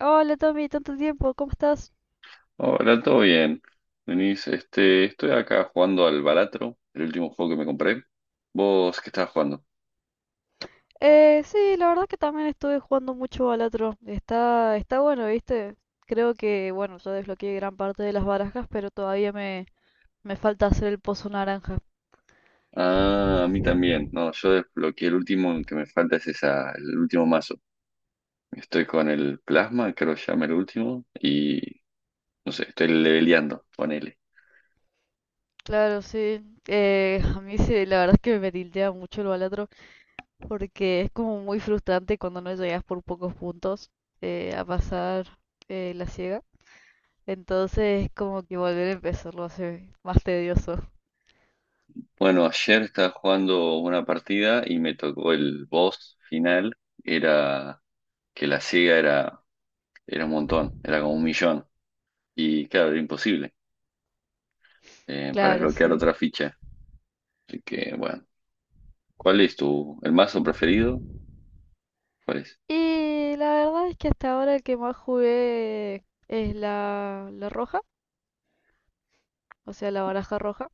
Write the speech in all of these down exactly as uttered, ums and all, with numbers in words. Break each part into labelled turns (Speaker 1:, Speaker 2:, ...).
Speaker 1: Hola Tommy, tanto tiempo, ¿cómo estás?
Speaker 2: Hola, todo bien. Denise, este, estoy acá jugando al Balatro, el último juego que me compré. ¿Vos qué estabas jugando?
Speaker 1: Eh, sí, la verdad que también estuve jugando mucho al otro. Está, está bueno, ¿viste? Creo que, bueno, yo desbloqueé gran parte de las barajas, pero todavía me, me falta hacer el pozo naranja.
Speaker 2: Ah, a mí también. No, yo desbloqueé el último que me falta es esa, el último mazo. Estoy con el plasma, creo que se llama el último, y no sé, estoy leveleando, ponele.
Speaker 1: Claro, sí. Eh, a mí sí, la verdad es que me tiltea mucho el balatro, porque es como muy frustrante cuando no llegas por pocos puntos eh, a pasar eh, la ciega. Entonces, como que volver a empezarlo hace más tedioso.
Speaker 2: Bueno, ayer estaba jugando una partida y me tocó el boss final. Era que la ciega era, era un montón, era como un millón. Y claro, era imposible eh, para
Speaker 1: Claro,
Speaker 2: desbloquear
Speaker 1: sí.
Speaker 2: otra ficha. Así que, bueno, ¿cuál es tu, el mazo preferido? ¿Cuál es?
Speaker 1: Y la verdad es que hasta ahora el que más jugué es la, la roja, o sea, la baraja roja.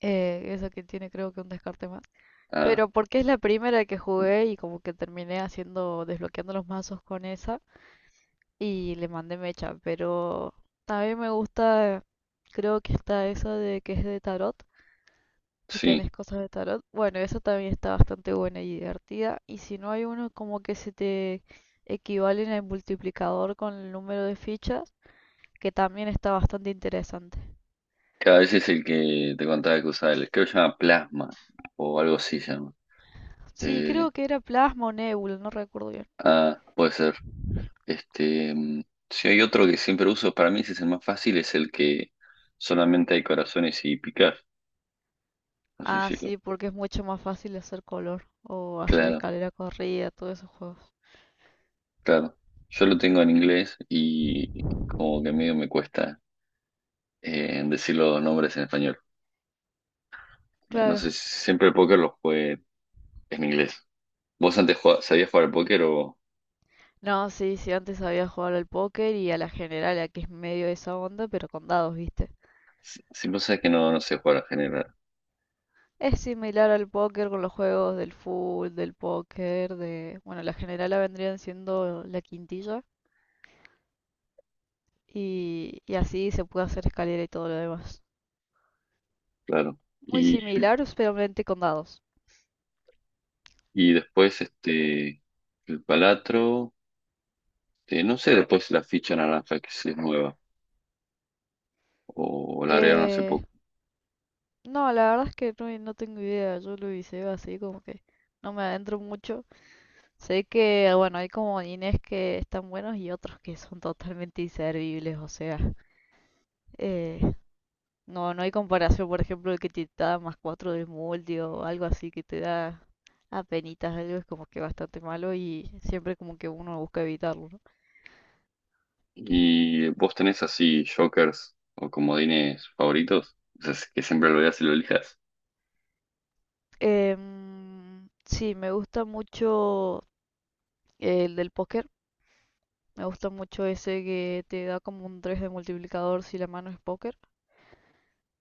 Speaker 1: Eh, esa que tiene creo que un descarte más.
Speaker 2: Ah,
Speaker 1: Pero porque es la primera que jugué y como que terminé haciendo, desbloqueando los mazos con esa y le mandé mecha. Pero también me gusta, creo que está esa de que es de tarot, que
Speaker 2: sí,
Speaker 1: tenés cosas de tarot. Bueno, esa también está bastante buena y divertida. Y si no hay uno como que se te equivalen el multiplicador con el número de fichas que también está bastante interesante.
Speaker 2: cada vez es el que te contaba que usaba, el, creo que se llama Plasma, o algo así se llama.
Speaker 1: Sí,
Speaker 2: Eh,
Speaker 1: creo que era plasma o nebula, no recuerdo bien.
Speaker 2: ah, puede ser. Este, mm, si hay otro que siempre uso, para mí ese es el más fácil, es el que solamente hay corazones y picar. No sé
Speaker 1: Ah,
Speaker 2: si lo.
Speaker 1: sí, porque es mucho más fácil hacer color o hacer
Speaker 2: Claro,
Speaker 1: escalera corrida, todos esos juegos.
Speaker 2: claro. Yo lo tengo en inglés y como que medio me cuesta eh, decir los nombres en español. Eh, No sé,
Speaker 1: Claro.
Speaker 2: siempre el póker lo jugué en inglés. ¿Vos antes jugabas- sabías jugar al póker o
Speaker 1: No, sí, sí, antes sabía jugar al póker y a la general, que es medio de esa onda, pero con dados, ¿viste?
Speaker 2: si si vos que no, no sé jugar en general,
Speaker 1: Es similar al póker con los juegos del full, del póker, de... Bueno, la generala vendrían siendo la quintilla y, y así se puede hacer escalera y todo lo demás.
Speaker 2: claro.
Speaker 1: Muy
Speaker 2: Y,
Speaker 1: similar, pero solamente con dados.
Speaker 2: y después este el palatro, eh, no sé, después la ficha naranja que sí es nueva, o la agregaron hace
Speaker 1: Eh,
Speaker 2: poco.
Speaker 1: No, la verdad es que no, no tengo idea, yo lo viseo así como que no me adentro mucho. Sé que, bueno, hay como Inés que están buenos y otros que son totalmente inservibles, o sea, eh, no, no hay comparación, por ejemplo, el que te da más cuatro del multi o algo así que te da apenitas algo, es como que bastante malo y siempre como que uno busca evitarlo, ¿no?
Speaker 2: ¿Y vos tenés así jokers o comodines favoritos? O sea, que siempre lo veas y lo elijas.
Speaker 1: Em, sí, me gusta mucho el del póker. Me gusta mucho ese que te da como un tres de multiplicador si la mano es póker.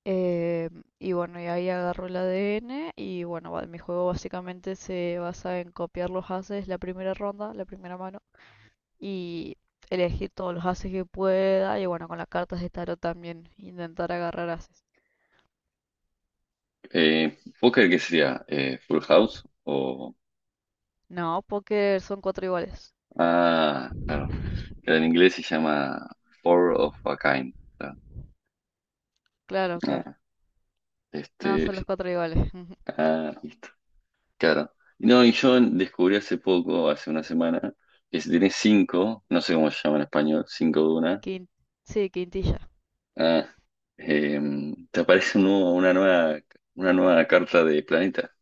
Speaker 1: Eh, y bueno, y ahí agarro el A D N y bueno, va- mi juego básicamente se basa en copiar los ases la primera ronda, la primera mano, y elegir todos los ases que pueda y bueno, con las cartas de tarot también intentar agarrar ases.
Speaker 2: Eh, ¿póker qué sería? Eh, ¿Full House? O.
Speaker 1: No, póker son cuatro iguales.
Speaker 2: Ah, claro. Que en inglés se llama Four of a Kind. Claro.
Speaker 1: Claro, claro.
Speaker 2: Ah,
Speaker 1: Nada,
Speaker 2: este,
Speaker 1: son los cuatro iguales.
Speaker 2: ah, Claro. No, y yo descubrí hace poco, hace una semana, que si tenés cinco, no sé cómo se llama en español, cinco de una,
Speaker 1: Quin- sí, quintilla.
Speaker 2: ah, em, te aparece un nuevo- una nueva, una nueva carta de planeta,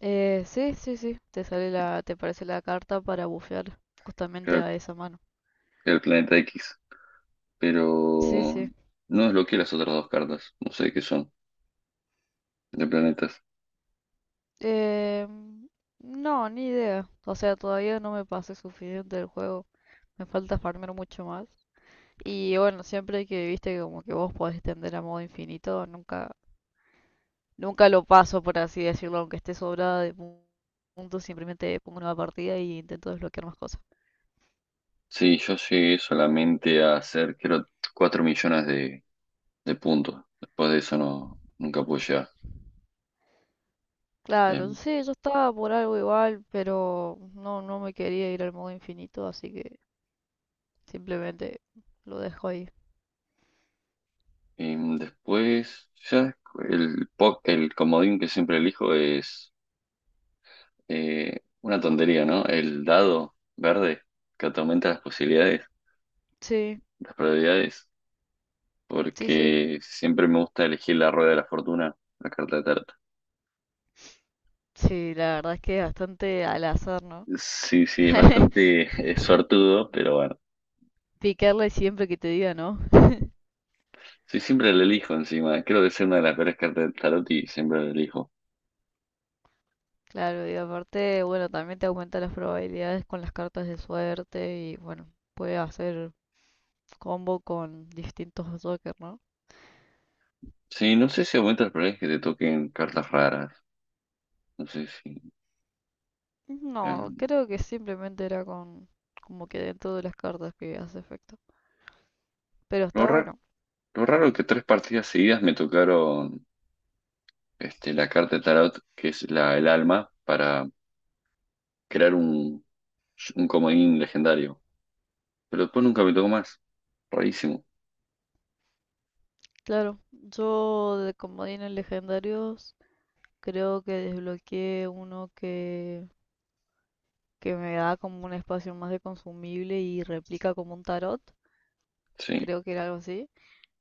Speaker 1: Eh, sí, sí, sí. Te sale la, te aparece la carta para bufear justamente
Speaker 2: el,
Speaker 1: a esa mano.
Speaker 2: el planeta X,
Speaker 1: Sí,
Speaker 2: pero
Speaker 1: sí.
Speaker 2: no desbloqueé las otras dos cartas, no sé qué son, de planetas.
Speaker 1: Eh, no, ni idea. O sea, todavía no me pasé suficiente del juego. Me falta farmear mucho más. Y bueno, siempre que viste como que vos podés extender a modo infinito, nunca, nunca lo paso, por así decirlo, aunque esté sobrada de pu- puntos, simplemente pongo una nueva partida y intento desbloquear más cosas.
Speaker 2: Sí, yo llegué solamente a hacer, creo, cuatro millones de, de puntos. Después de eso no, nunca pude llegar.
Speaker 1: Claro,
Speaker 2: em,
Speaker 1: sí, yo estaba por algo igual, pero no, no me quería ir al modo infinito, así que simplemente lo dejo ahí.
Speaker 2: Em, después, ya el, po- el comodín que siempre elijo es eh, una tontería, ¿no? El dado verde que te aumenta las posibilidades,
Speaker 1: Sí,
Speaker 2: las probabilidades,
Speaker 1: sí, sí.
Speaker 2: porque siempre me gusta elegir la rueda de la fortuna, la carta de tarot.
Speaker 1: Sí, la verdad es que es bastante al azar, ¿no?
Speaker 2: Sí, sí, es bastante eh, suertudo, pero bueno.
Speaker 1: Picarle siempre que te diga no.
Speaker 2: Sí, siempre la elijo encima. Creo que es una de las peores cartas de tarot y siempre la elijo.
Speaker 1: Claro, y aparte, bueno, también te aumenta las probabilidades con las cartas de suerte y bueno, puede hacer combo con distintos Joker, ¿no?
Speaker 2: Sí, no sé si aumenta las probabilidades que te toquen cartas raras. No sé si...
Speaker 1: No,
Speaker 2: em,
Speaker 1: creo que simplemente era con como que dentro de las cartas que hace efecto. Pero
Speaker 2: no,
Speaker 1: está
Speaker 2: ra-
Speaker 1: bueno.
Speaker 2: Lo raro que tres partidas seguidas me tocaron este, la carta de tarot, que es la, el alma, para crear un, un comodín legendario. Pero después nunca me tocó más. Rarísimo.
Speaker 1: Claro, yo de comodines legendarios creo que desbloqueé uno que, que me da como un espacio más de consumible y replica como un tarot.
Speaker 2: Sí.
Speaker 1: Creo que era algo así.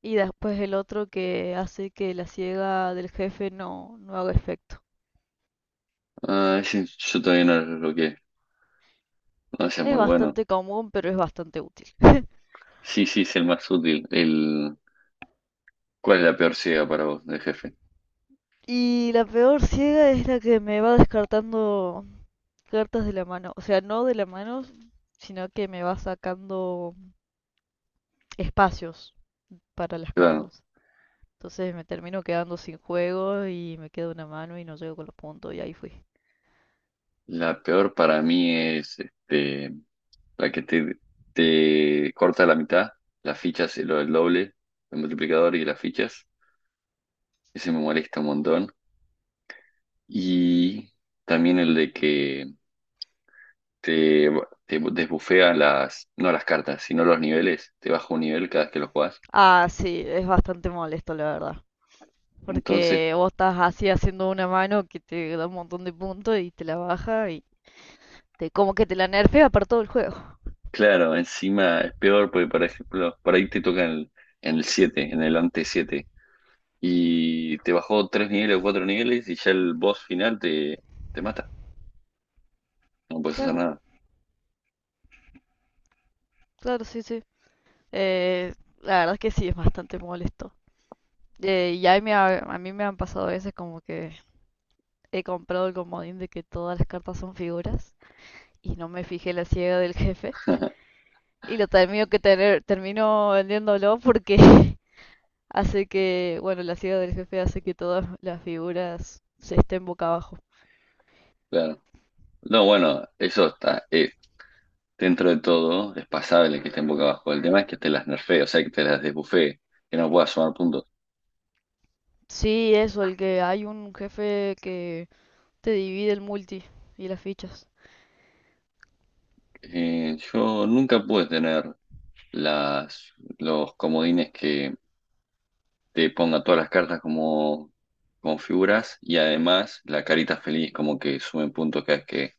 Speaker 1: Y después el otro que hace que la ciega del jefe no, no haga efecto.
Speaker 2: Ah, ese yo todavía no lo bloqueé. No, ese es
Speaker 1: Es
Speaker 2: muy bueno.
Speaker 1: bastante común, pero es bastante útil.
Speaker 2: Sí, sí, es el más útil. El... ¿Cuál es la peor ciega para vos, de jefe?
Speaker 1: Y la peor ciega es la que me va descartando cartas de la mano. O sea, no de la mano, sino que me va sacando espacios para las
Speaker 2: Claro.
Speaker 1: cartas. Entonces me termino quedando sin juego y me queda una mano y no llego con los puntos y ahí fui.
Speaker 2: La peor para mí es este, la que te, te corta la mitad, las fichas, lo del doble, el multiplicador y las fichas. Ese me molesta un montón. Y también el de que te, te desbufea las, no las cartas, sino los niveles. Te baja un nivel cada vez que lo jugás.
Speaker 1: Ah, sí, es bastante molesto, la verdad.
Speaker 2: Entonces,
Speaker 1: Porque vos estás así haciendo una mano que te da un montón de puntos y te la baja y te como que te la nerfea para todo el juego.
Speaker 2: claro, encima es peor porque, por ejemplo, por ahí te toca en el, en el siete, en el ante siete. Y te bajó tres niveles o cuatro niveles y ya el boss final te, te mata. No puedes hacer
Speaker 1: Claro,
Speaker 2: nada.
Speaker 1: claro, sí, sí. Eh, la verdad es que sí, es bastante molesto. Eh, y ahí me ha- a mí me han pasado veces como que he comprado el comodín de que todas las cartas son figuras y no me fijé la ciega del jefe. Y lo termino que tener, termino vendiéndolo porque hace que, bueno, la ciudad del jefe hace que todas las figuras se estén boca abajo.
Speaker 2: Claro. No, bueno, eso está. Eh, dentro de todo, es pasable que estén boca abajo. El tema es que te las nerfee, o sea, que te las desbufee, que no puedas sumar puntos.
Speaker 1: Sí, eso, el que hay un jefe que te divide el multi y las fichas.
Speaker 2: Eh, yo nunca pude tener las, los comodines que te ponga todas las cartas como, como figuras y además la carita feliz como que suben puntos cada vez que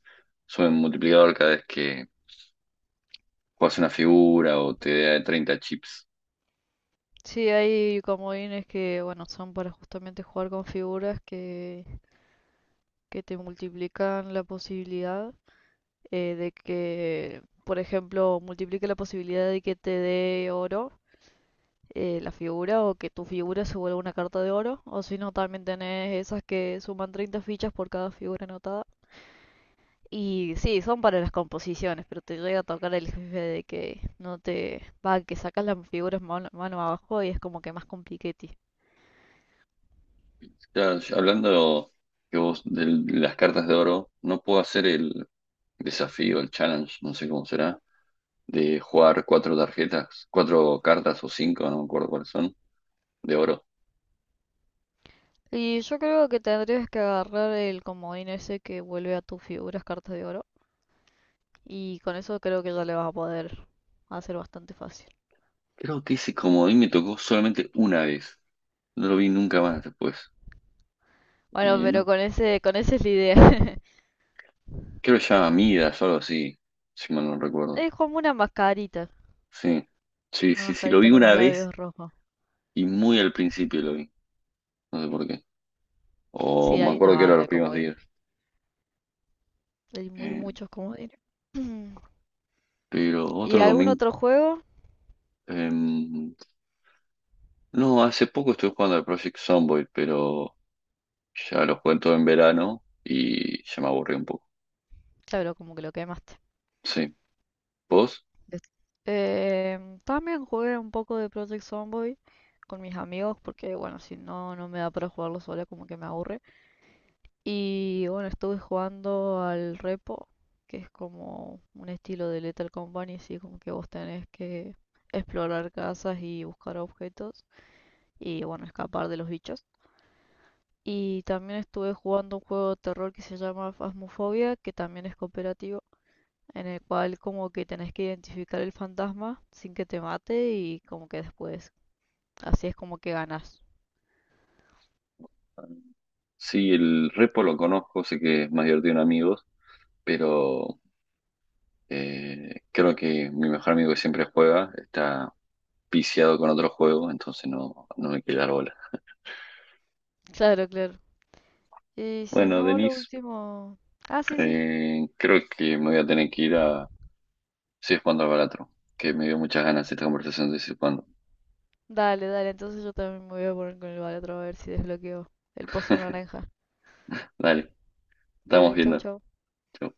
Speaker 2: suben multiplicador cada vez que juegas una figura o te da treinta chips.
Speaker 1: Sí, hay comodines que, bueno, son para justamente jugar con figuras que, que te multiplican la posibilidad eh, de que, por ejemplo, multiplique la posibilidad de que te dé oro eh, la figura o que tu figura se vuelva una carta de oro. O si no, también tenés esas que suman treinta fichas por cada figura anotada. Y sí, son para las composiciones, pero te llega a tocar el jefe de que no te va, que sacas las figuras mano, mano abajo y es como que más compliquete.
Speaker 2: Ya, ya hablando que vos de las cartas de oro, no puedo hacer el desafío, el challenge, no sé cómo será, de jugar cuatro tarjetas, cuatro cartas o cinco, no me acuerdo cuáles son, de oro.
Speaker 1: Y yo creo que tendrías que agarrar el comodín ese que vuelve a tus figuras cartas de oro. Y con eso creo que ya le vas a poder hacer bastante fácil.
Speaker 2: Creo que ese comodín me tocó solamente una vez. No lo vi nunca más después.
Speaker 1: Bueno,
Speaker 2: Eh,
Speaker 1: pero
Speaker 2: no,
Speaker 1: con ese, con esa es la idea.
Speaker 2: creo que se llama Midas o algo así, si mal no recuerdo.
Speaker 1: Es como una mascarita.
Speaker 2: Sí, sí,
Speaker 1: Una
Speaker 2: sí, sí, lo
Speaker 1: mascarita
Speaker 2: vi
Speaker 1: con los
Speaker 2: una vez
Speaker 1: labios rojos.
Speaker 2: y muy al principio lo vi. No sé por qué. O
Speaker 1: Sí,
Speaker 2: me
Speaker 1: hay una
Speaker 2: acuerdo que era
Speaker 1: banda
Speaker 2: los
Speaker 1: de
Speaker 2: primeros
Speaker 1: comodines.
Speaker 2: días.
Speaker 1: Hay muy
Speaker 2: Eh,
Speaker 1: muchos comodines.
Speaker 2: pero
Speaker 1: ¿Y
Speaker 2: otro
Speaker 1: algún
Speaker 2: comodín.
Speaker 1: otro juego?
Speaker 2: em, no, hace poco estuve jugando al Project Zomboid, pero ya lo jugué todo en verano y ya me aburrí un poco.
Speaker 1: Claro, como que lo quemaste.
Speaker 2: Sí. ¿Vos?
Speaker 1: Des- Eh, también jugué un poco de Project Zomboid con mis amigos porque, bueno, si no, no me da para jugarlo sola, como que me aburre. Y bueno, estuve jugando al Repo, que es como un estilo de Lethal Company, así como que vos tenés que explorar casas y buscar objetos y, bueno, escapar de los bichos. Y también estuve jugando un juego de terror que se llama Phasmophobia, que también es cooperativo, en el cual como que tenés que identificar el fantasma sin que te mate y como que después. Así es como que ganas.
Speaker 2: Sí, el repo lo conozco, sé que es mayor de un amigo, pero eh, creo que mi mejor amigo que siempre juega está viciado con otro juego, entonces no, no me quiere dar bola.
Speaker 1: Claro, claro. Y si
Speaker 2: Bueno,
Speaker 1: no, lo
Speaker 2: Denise,
Speaker 1: último... Ah, sí, sí.
Speaker 2: eh, creo que me voy a tener que ir a seguir jugando al Balatro, que me dio muchas ganas esta conversación de seguir jugando.
Speaker 1: Dale, dale. Entonces yo también me voy a poner con el otro a ver si desbloqueo el pozo naranja.
Speaker 2: Dale, estamos
Speaker 1: Dale, chau,
Speaker 2: viendo.
Speaker 1: chau.
Speaker 2: Chau.